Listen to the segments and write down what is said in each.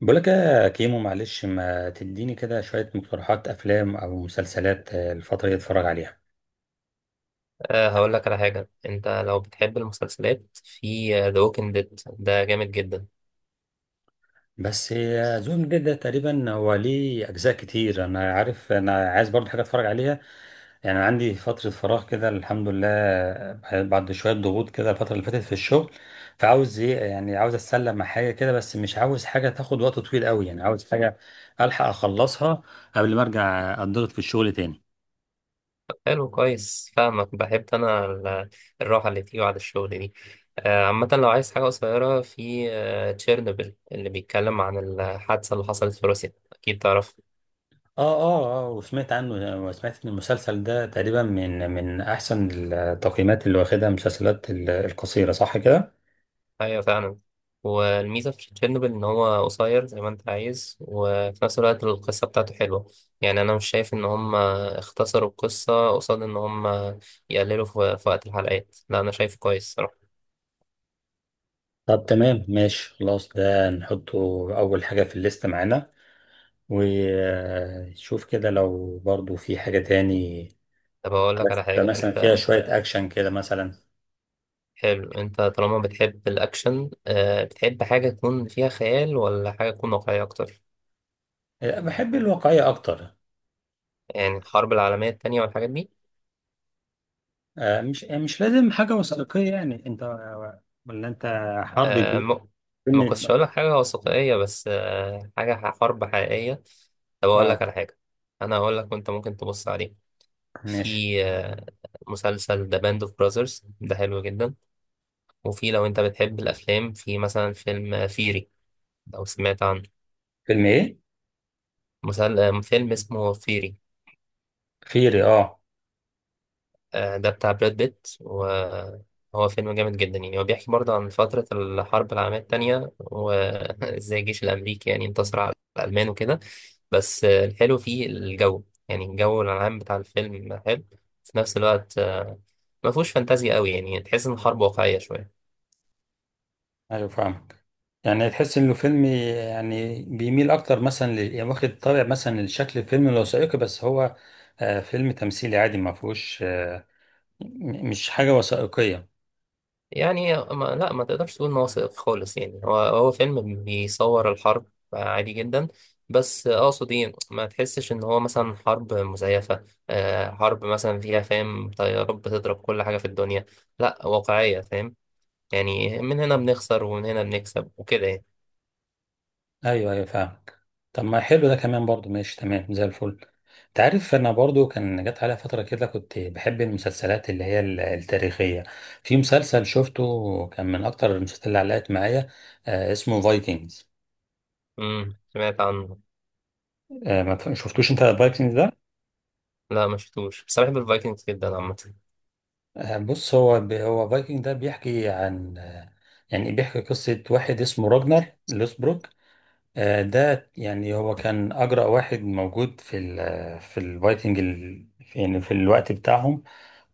بقولك يا كيمو، معلش، ما تديني كده شوية مقترحات أفلام أو مسلسلات، الفترة دي أتفرج عليها. هقول لك على حاجة. أنت لو بتحب المسلسلات، في ذا ووكينج ديد، ده جامد جدا. بس زون جديد ده تقريبا هو ليه أجزاء كتير. أنا عارف، أنا عايز برضه حاجة أتفرج عليها. يعني عندي فترة فراغ كده الحمد لله، بعد شوية ضغوط كده الفترة اللي فاتت في الشغل. فعاوز إيه؟ يعني عاوز أتسلى مع حاجة كده، بس مش عاوز حاجة تاخد وقت طويل قوي. يعني عاوز حاجة ألحق أخلصها قبل ما أرجع أتضغط في الشغل تاني. طب حلو، كويس، فاهمك. بحب أنا الراحة اللي فيه بعد الشغل دي. عامة لو عايز حاجة قصيرة، في تشيرنوبل، اللي بيتكلم عن الحادثة اللي حصلت في روسيا، أكيد تعرف. اه اه اه، وسمعت عنه، وسمعت ان المسلسل ده تقريبا من احسن التقييمات اللي واخدها المسلسلات القصيره، صح كده؟ ايوه فعلا. والميزه في تشيرنوبل ان هو قصير زي ما انت عايز، وفي نفس الوقت القصه بتاعته حلوه. يعني انا مش شايف ان هم اختصروا القصه قصاد ان هم يقللوا في وقت الحلقات، لا انا شايفه كويس صراحه. طب تمام ماشي خلاص، ده نحطه اول حاجه في الليست معانا. وشوف كده لو برضو في حاجه تاني، طب اقول لك بس على حاجه مثلا انت. فيها شويه اكشن كده مثلا. حلو، انت طالما بتحب الاكشن، بتحب حاجه تكون فيها خيال ولا حاجه تكون واقعيه اكتر؟ بحب الواقعيه اكتر. يعني الحرب العالميه التانية والحاجات دي. مش لازم حاجه وثائقيه، يعني انت، ولا انت، حرب آه. بيوت، ما فيلم. ما كنتش هقول لك حاجة وثائقية، بس حاجة حرب حقيقية. طب أقول اه، لك على حاجة. أنا هقول لك وأنت ممكن تبص عليه. ماشي. في مسلسل ذا باند أوف براذرز، ده حلو جدا. وفي لو أنت بتحب الأفلام، في مثلا فيلم فيري، لو سمعت عنه. فيلم ايه؟ مسل... آه، فيلم اسمه فيري. خيري؟ اه. آه، ده بتاع براد بيت، وهو فيلم جامد جدا. يعني هو بيحكي برضه عن فترة الحرب العالمية التانية، وازاي الجيش الأمريكي يعني انتصر على الألمان وكده. بس الحلو فيه الجو، يعني الجو العام بتاع الفيلم حلو. في نفس الوقت، ما فيهوش فانتازيا قوي، يعني تحس إن الحرب واقعية شوية. ايوه، فاهمك، يعني تحس انه فيلم، يعني بيميل اكتر مثلا يعني واخد طابع مثلا لشكل الفيلم الوثائقي، بس هو فيلم تمثيلي عادي، ما فيهوش مش حاجه وثائقيه. يعني ما تقدرش تقول إن هو وثائقي خالص. يعني هو فيلم بيصور الحرب عادي جدا. بس اقصد ايه، ما تحسش ان هو مثلا حرب مزيفة، آه، حرب مثلا فيها، فاهم، طيارات بتضرب كل حاجة في الدنيا. لا، واقعية، فاهم. يعني من هنا بنخسر ومن هنا بنكسب وكده يعني. ايوه، ايوه، فاهمك. طب ما حلو ده كمان برضو، ماشي تمام زي الفل. انت عارف، انا برضو كان جت عليا فتره كده كنت بحب المسلسلات اللي هي التاريخيه. في مسلسل شفته كان من اكتر المسلسلات اللي علقت معايا، اسمه فايكنجز. امم، سمعت عنه. ما شفتوش انت فايكنجز؟ لا ما شفتوش، بس أنا بحب الفايكنجز جدا عامة. بص، هو فايكنج ده بيحكي عن، يعني بيحكي قصة واحد اسمه راجنر لوسبروك. ده يعني هو كان أجرأ واحد موجود في الفايكنج يعني في الوقت بتاعهم.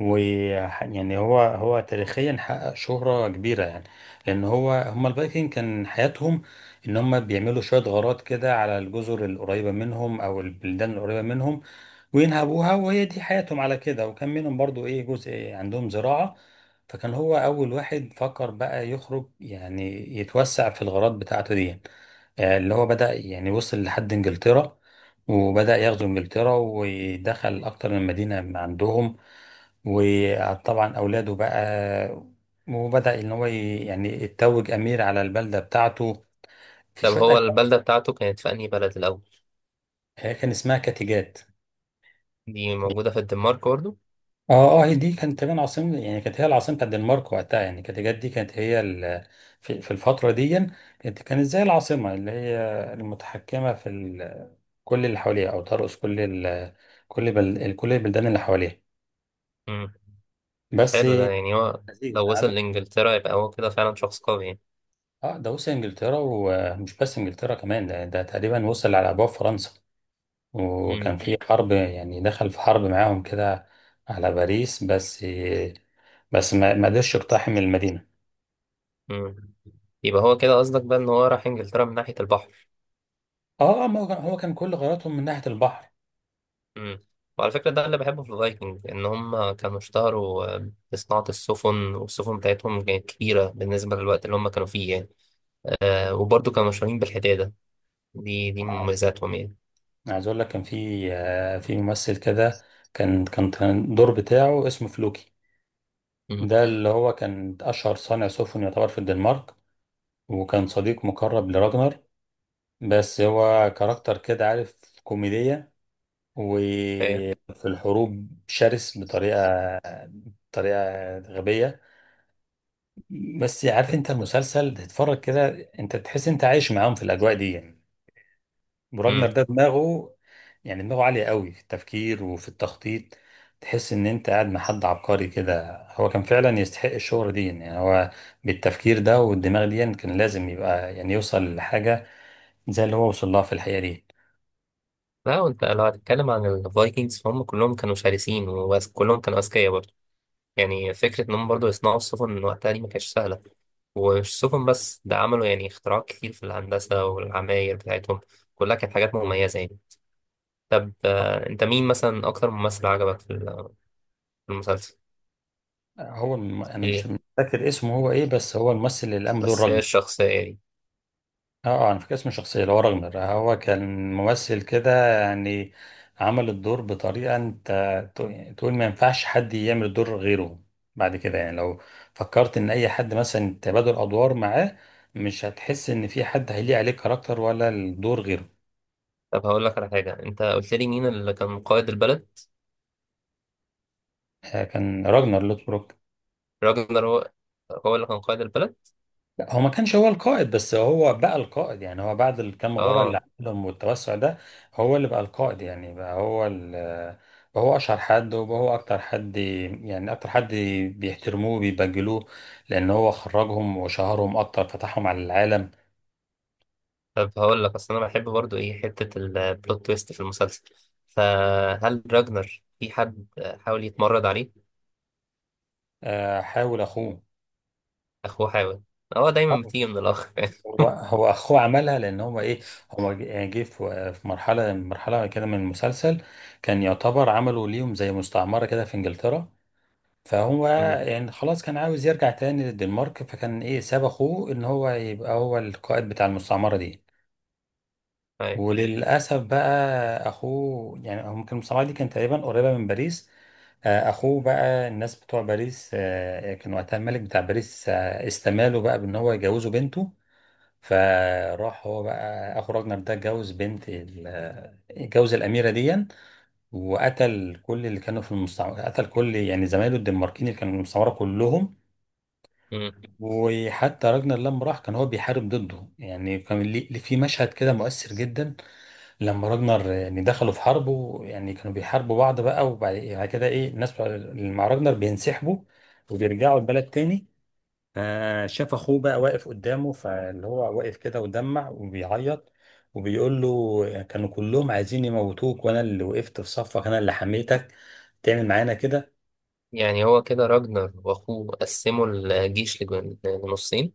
ويعني هو تاريخيا حقق شهرة كبيرة، يعني لأن هو هما الفايكنج كان حياتهم إن هما بيعملوا شوية غارات كده على الجزر القريبة منهم أو البلدان القريبة منهم وينهبوها، وهي دي حياتهم على كده، وكان منهم برضو جزء عندهم زراعة. فكان هو أول واحد فكر بقى يخرج، يعني يتوسع في الغارات بتاعته دي، يعني. اللي هو بدأ يعني وصل لحد إنجلترا، وبدأ يغزو إنجلترا ودخل أكتر من مدينة عندهم، وطبعا اولاده بقى وبدا ان هو يعني يتوج امير على البلده بتاعته، في طب شويه هو أجواء. البلدة بتاعته كانت في أنهي بلد الأول؟ هي كان اسمها كاتيجات. دي موجودة في الدنمارك برضه؟ اه، اه، هي دي كانت تقريبا عاصمة، يعني كانت هي العاصمة بتاعت الدنمارك وقتها، يعني كاتيجات دي كانت هي في الفترة دي، كانت زي العاصمة اللي هي المتحكمة في كل اللي حواليها، أو ترأس كل ال كل بل كل البلدان اللي حواليها. بس. حلو، ده يعني هو لذيذ، لو عايز. وصل لإنجلترا، يبقى هو كده فعلا شخص قوي يعني. اه، ده وصل انجلترا، ومش بس انجلترا، كمان ده تقريبا وصل على ابواب فرنسا، وكان في مم. حرب، يعني دخل في حرب معاهم كده على باريس. بس بس ما قدرش يقتحم المدينه. مم. يبقى هو كده قصدك بقى إن هو راح إنجلترا من ناحية البحر. اه، ما هو كان كل غرضهم من ناحيه البحر. مم. وعلى فكرة، ده اللي بحبه في الفايكنج، إن هم كانوا اشتهروا، بصناعة السفن، والسفن بتاعتهم كانت كبيرة بالنسبة للوقت اللي هم كانوا فيه يعني. آه، وبرضه كانوا مشهورين بالحدادة. دي من مميزاتهم يعني. أنا عايز اقول لك، كان في ممثل كده، كان الدور بتاعه اسمه فلوكي. مم. ده اللي هو كان اشهر صانع سفن يعتبر في الدنمارك، وكان صديق مقرب لراجنر. بس هو كاركتر كده، عارف، كوميديا، و إيه. في الحروب شرس بطريقه غبيه. بس عارف انت، المسلسل تتفرج كده انت تحس انت عايش معاهم في الاجواء دي، يعني. وراجنر مم. ده دماغه، يعني دماغه عاليه قوي في التفكير وفي التخطيط. تحس ان انت قاعد مع حد عبقري كده. هو كان فعلا يستحق الشهرة دي، يعني هو بالتفكير ده والدماغ دي يعني كان لازم يبقى، يعني يوصل لحاجه زي اللي هو وصل لها في الحقيقه دي. لا، وانت لو هتتكلم عن الفايكنجز، فهم كلهم كانوا شرسين وكلهم كانوا أذكياء برضه. يعني فكرة إنهم برضه يصنعوا السفن من وقتها دي، ما كانتش سهلة. ومش سفن بس، ده عملوا يعني اختراعات كتير في الهندسة والعماير بتاعتهم، كلها كانت حاجات مميزة يعني. طب، أنت مين مثلا أكتر ممثل عجبك في في المسلسل؟ هو انا إيه؟ مش فاكر اسمه هو ايه، بس هو الممثل اللي قام بدور بس هي راجنر. الشخصية دي. اه، انا فاكر اسم الشخصيه اللي هو راغنر. هو كان ممثل كده، يعني عمل الدور بطريقه، انت تقول ما ينفعش حد يعمل الدور غيره. بعد كده، يعني لو فكرت ان اي حد مثلا تبادل ادوار معاه، مش هتحس ان في حد هيليق عليه كاركتر ولا الدور غيره. طب هقول لك على حاجة، أنت قلت لي مين اللي كان قائد البلد؟ كان راجنر لوثبروك. راجنر هو هو اللي كان قائد البلد؟ لا، هو ما كانش هو القائد، بس هو بقى القائد. يعني هو بعد الكام غارة اللي آه. عملهم والتوسع ده، هو اللي بقى القائد. يعني بقى هو أشهر حد، وبقى هو أكتر حد بيحترموه، بيبجلوه، لأن هو خرجهم وشهرهم أكتر، فتحهم على العالم. طب هقول لك، أصل أنا بحب برضه إيه، حتة البلوت تويست في المسلسل. فهل راجنر في حد حاول يتمرد عليه؟ حاول أخوه. اخوه حاول. هو آه. دايما بتيجي من الاخ. هو أخوه عملها لأن هو هو جه في مرحلة كده من المسلسل، كان يعتبر عملوا ليهم زي مستعمرة كده في إنجلترا، فهو أمم. يعني خلاص كان عاوز يرجع تاني للدنمارك، فكان ساب اخوه ان هو يبقى هو القائد بتاع المستعمرة دي. أيوة. وللأسف بقى اخوه، يعني هو كان المستعمرة دي كانت تقريبا قريبة من باريس، اخوه بقى الناس بتوع باريس، يعني كان وقتها الملك بتاع باريس استماله بقى بان هو يجوزه بنته. فراح هو بقى اخو راجنر ده اتجوز بنت ال- آه، اتجوز الاميره دي، وقتل كل اللي كانوا في المستعمره، قتل كل يعني زمايله الدنماركيين اللي كانوا في المستعمره كلهم. أمم. وحتى راجنر لما راح كان هو بيحارب ضده، يعني في مشهد كده مؤثر جدا، لما راجنر يعني دخلوا في حرب، يعني كانوا بيحاربوا بعض بقى، وبعد يعني كده الناس بتوع اللي مع راجنر بينسحبوا وبيرجعوا البلد تاني. فشاف اخوه بقى واقف قدامه، فاللي هو واقف كده ودمع وبيعيط وبيقول له كانوا كلهم عايزين يموتوك، وانا اللي وقفت في صفك، انا اللي حميتك، تعمل معانا كده؟ يعني هو كده راجنر واخوه قسموا الجيش لنصين؟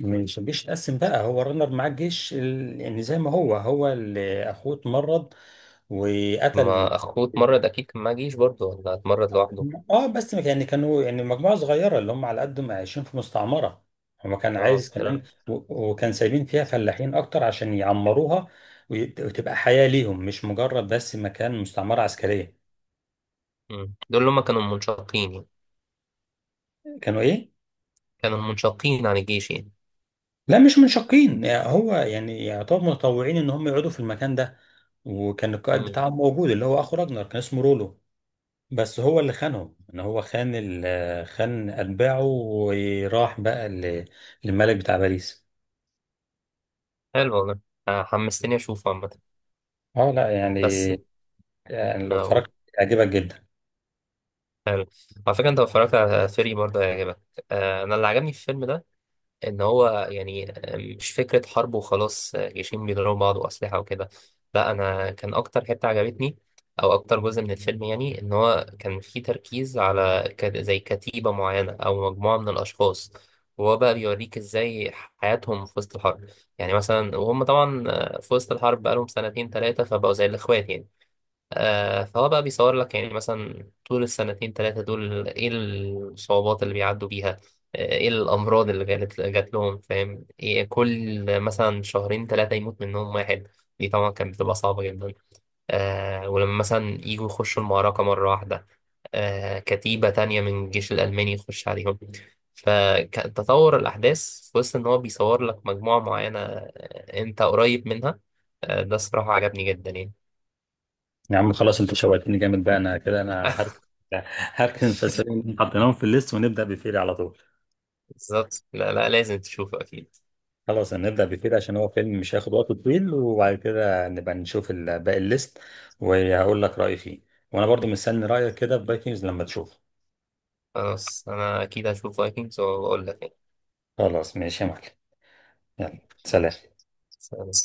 مش الجيش اتقسم، بقى هو رنر مع الجيش يعني زي ما هو اللي اخوه اتمرض وقتل. ما اخوه اتمرد، اكيد كان معاه جيش برضه، ولا اتمرد لوحده؟ اه، بس يعني كانوا يعني مجموعة صغيرة اللي هم على قدهم عايشين في مستعمرة، هو كان اه عايز كمان، دول. وكان سايبين فيها فلاحين اكتر عشان يعمروها، وتبقى حياة ليهم، مش مجرد بس مكان مستعمرة عسكرية. أمم. دول اللي هما كانوا منشقين يعني؟ كانوا ايه؟ كانوا منشقين عن الجيش يعني؟ لا، مش منشقين، يعني هو يعني يعتبر متطوعين ان هم يقعدوا في المكان ده، وكان القائد أمم. بتاعهم موجود اللي هو اخو راجنر، كان اسمه رولو. بس هو اللي خانهم، ان هو خان اتباعه وراح بقى للملك بتاع باريس. حلو والله. آه، حمستني اشوفه عامة. اه، لا يعني، بس يعني لو اقول، اتفرجت هيعجبك جدا. حلو. على فكرة انت لو اتفرجت على فيري برضه هيعجبك. آه، انا اللي عجبني في الفيلم ده، ان هو يعني مش فكره حرب وخلاص، آه، جيشين بيضربوا بعض واسلحه وكده. لا، انا كان اكتر حته عجبتني، او اكتر جزء من الفيلم، يعني ان هو كان فيه تركيز على زي كتيبه معينه او مجموعه من الاشخاص، وهو بقى بيوريك ازاي حياتهم في وسط الحرب. يعني مثلا، وهم طبعا في وسط الحرب بقالهم 2 3 سنين، فبقوا زي الاخوات يعني. آه، فهو بقى بيصور لك يعني مثلا طول ال2 3 دول، ايه الصعوبات اللي بيعدوا بيها، آه، ايه الأمراض اللي جات لهم، فاهم، إيه كل مثلا 2 3 شهور يموت منهم واحد. دي طبعا كانت بتبقى صعبة جدا. آه، ولما مثلا يجوا يخشوا المعركة مرة واحدة، آه، كتيبة تانية من الجيش الألماني يخش عليهم. فتطور الأحداث في وسط إن هو بيصور لك مجموعة معينة، آه، أنت قريب منها. آه، ده الصراحة عجبني جدا يعني. يا عم، خلاص، انت شوقتني جامد، بقى انا كده انا هركن. هركن المسلسلين، حطيناهم في الليست، ونبدا بفيري على طول. بالظبط، لا لا، لازم تشوفه أكيد. خلاص، هنبدا بفيري عشان هو فيلم مش هياخد وقت طويل، وبعد كده نبقى نشوف باقي الليست، وهقول لك رايي فيه، وانا برضو مستني رايك كده في فايكنجز لما تشوفه. خلاص أنا أكيد هشوف فايكنجز وأقول لك. خلاص، ماشي يا معلم. يلا. سلام. يعني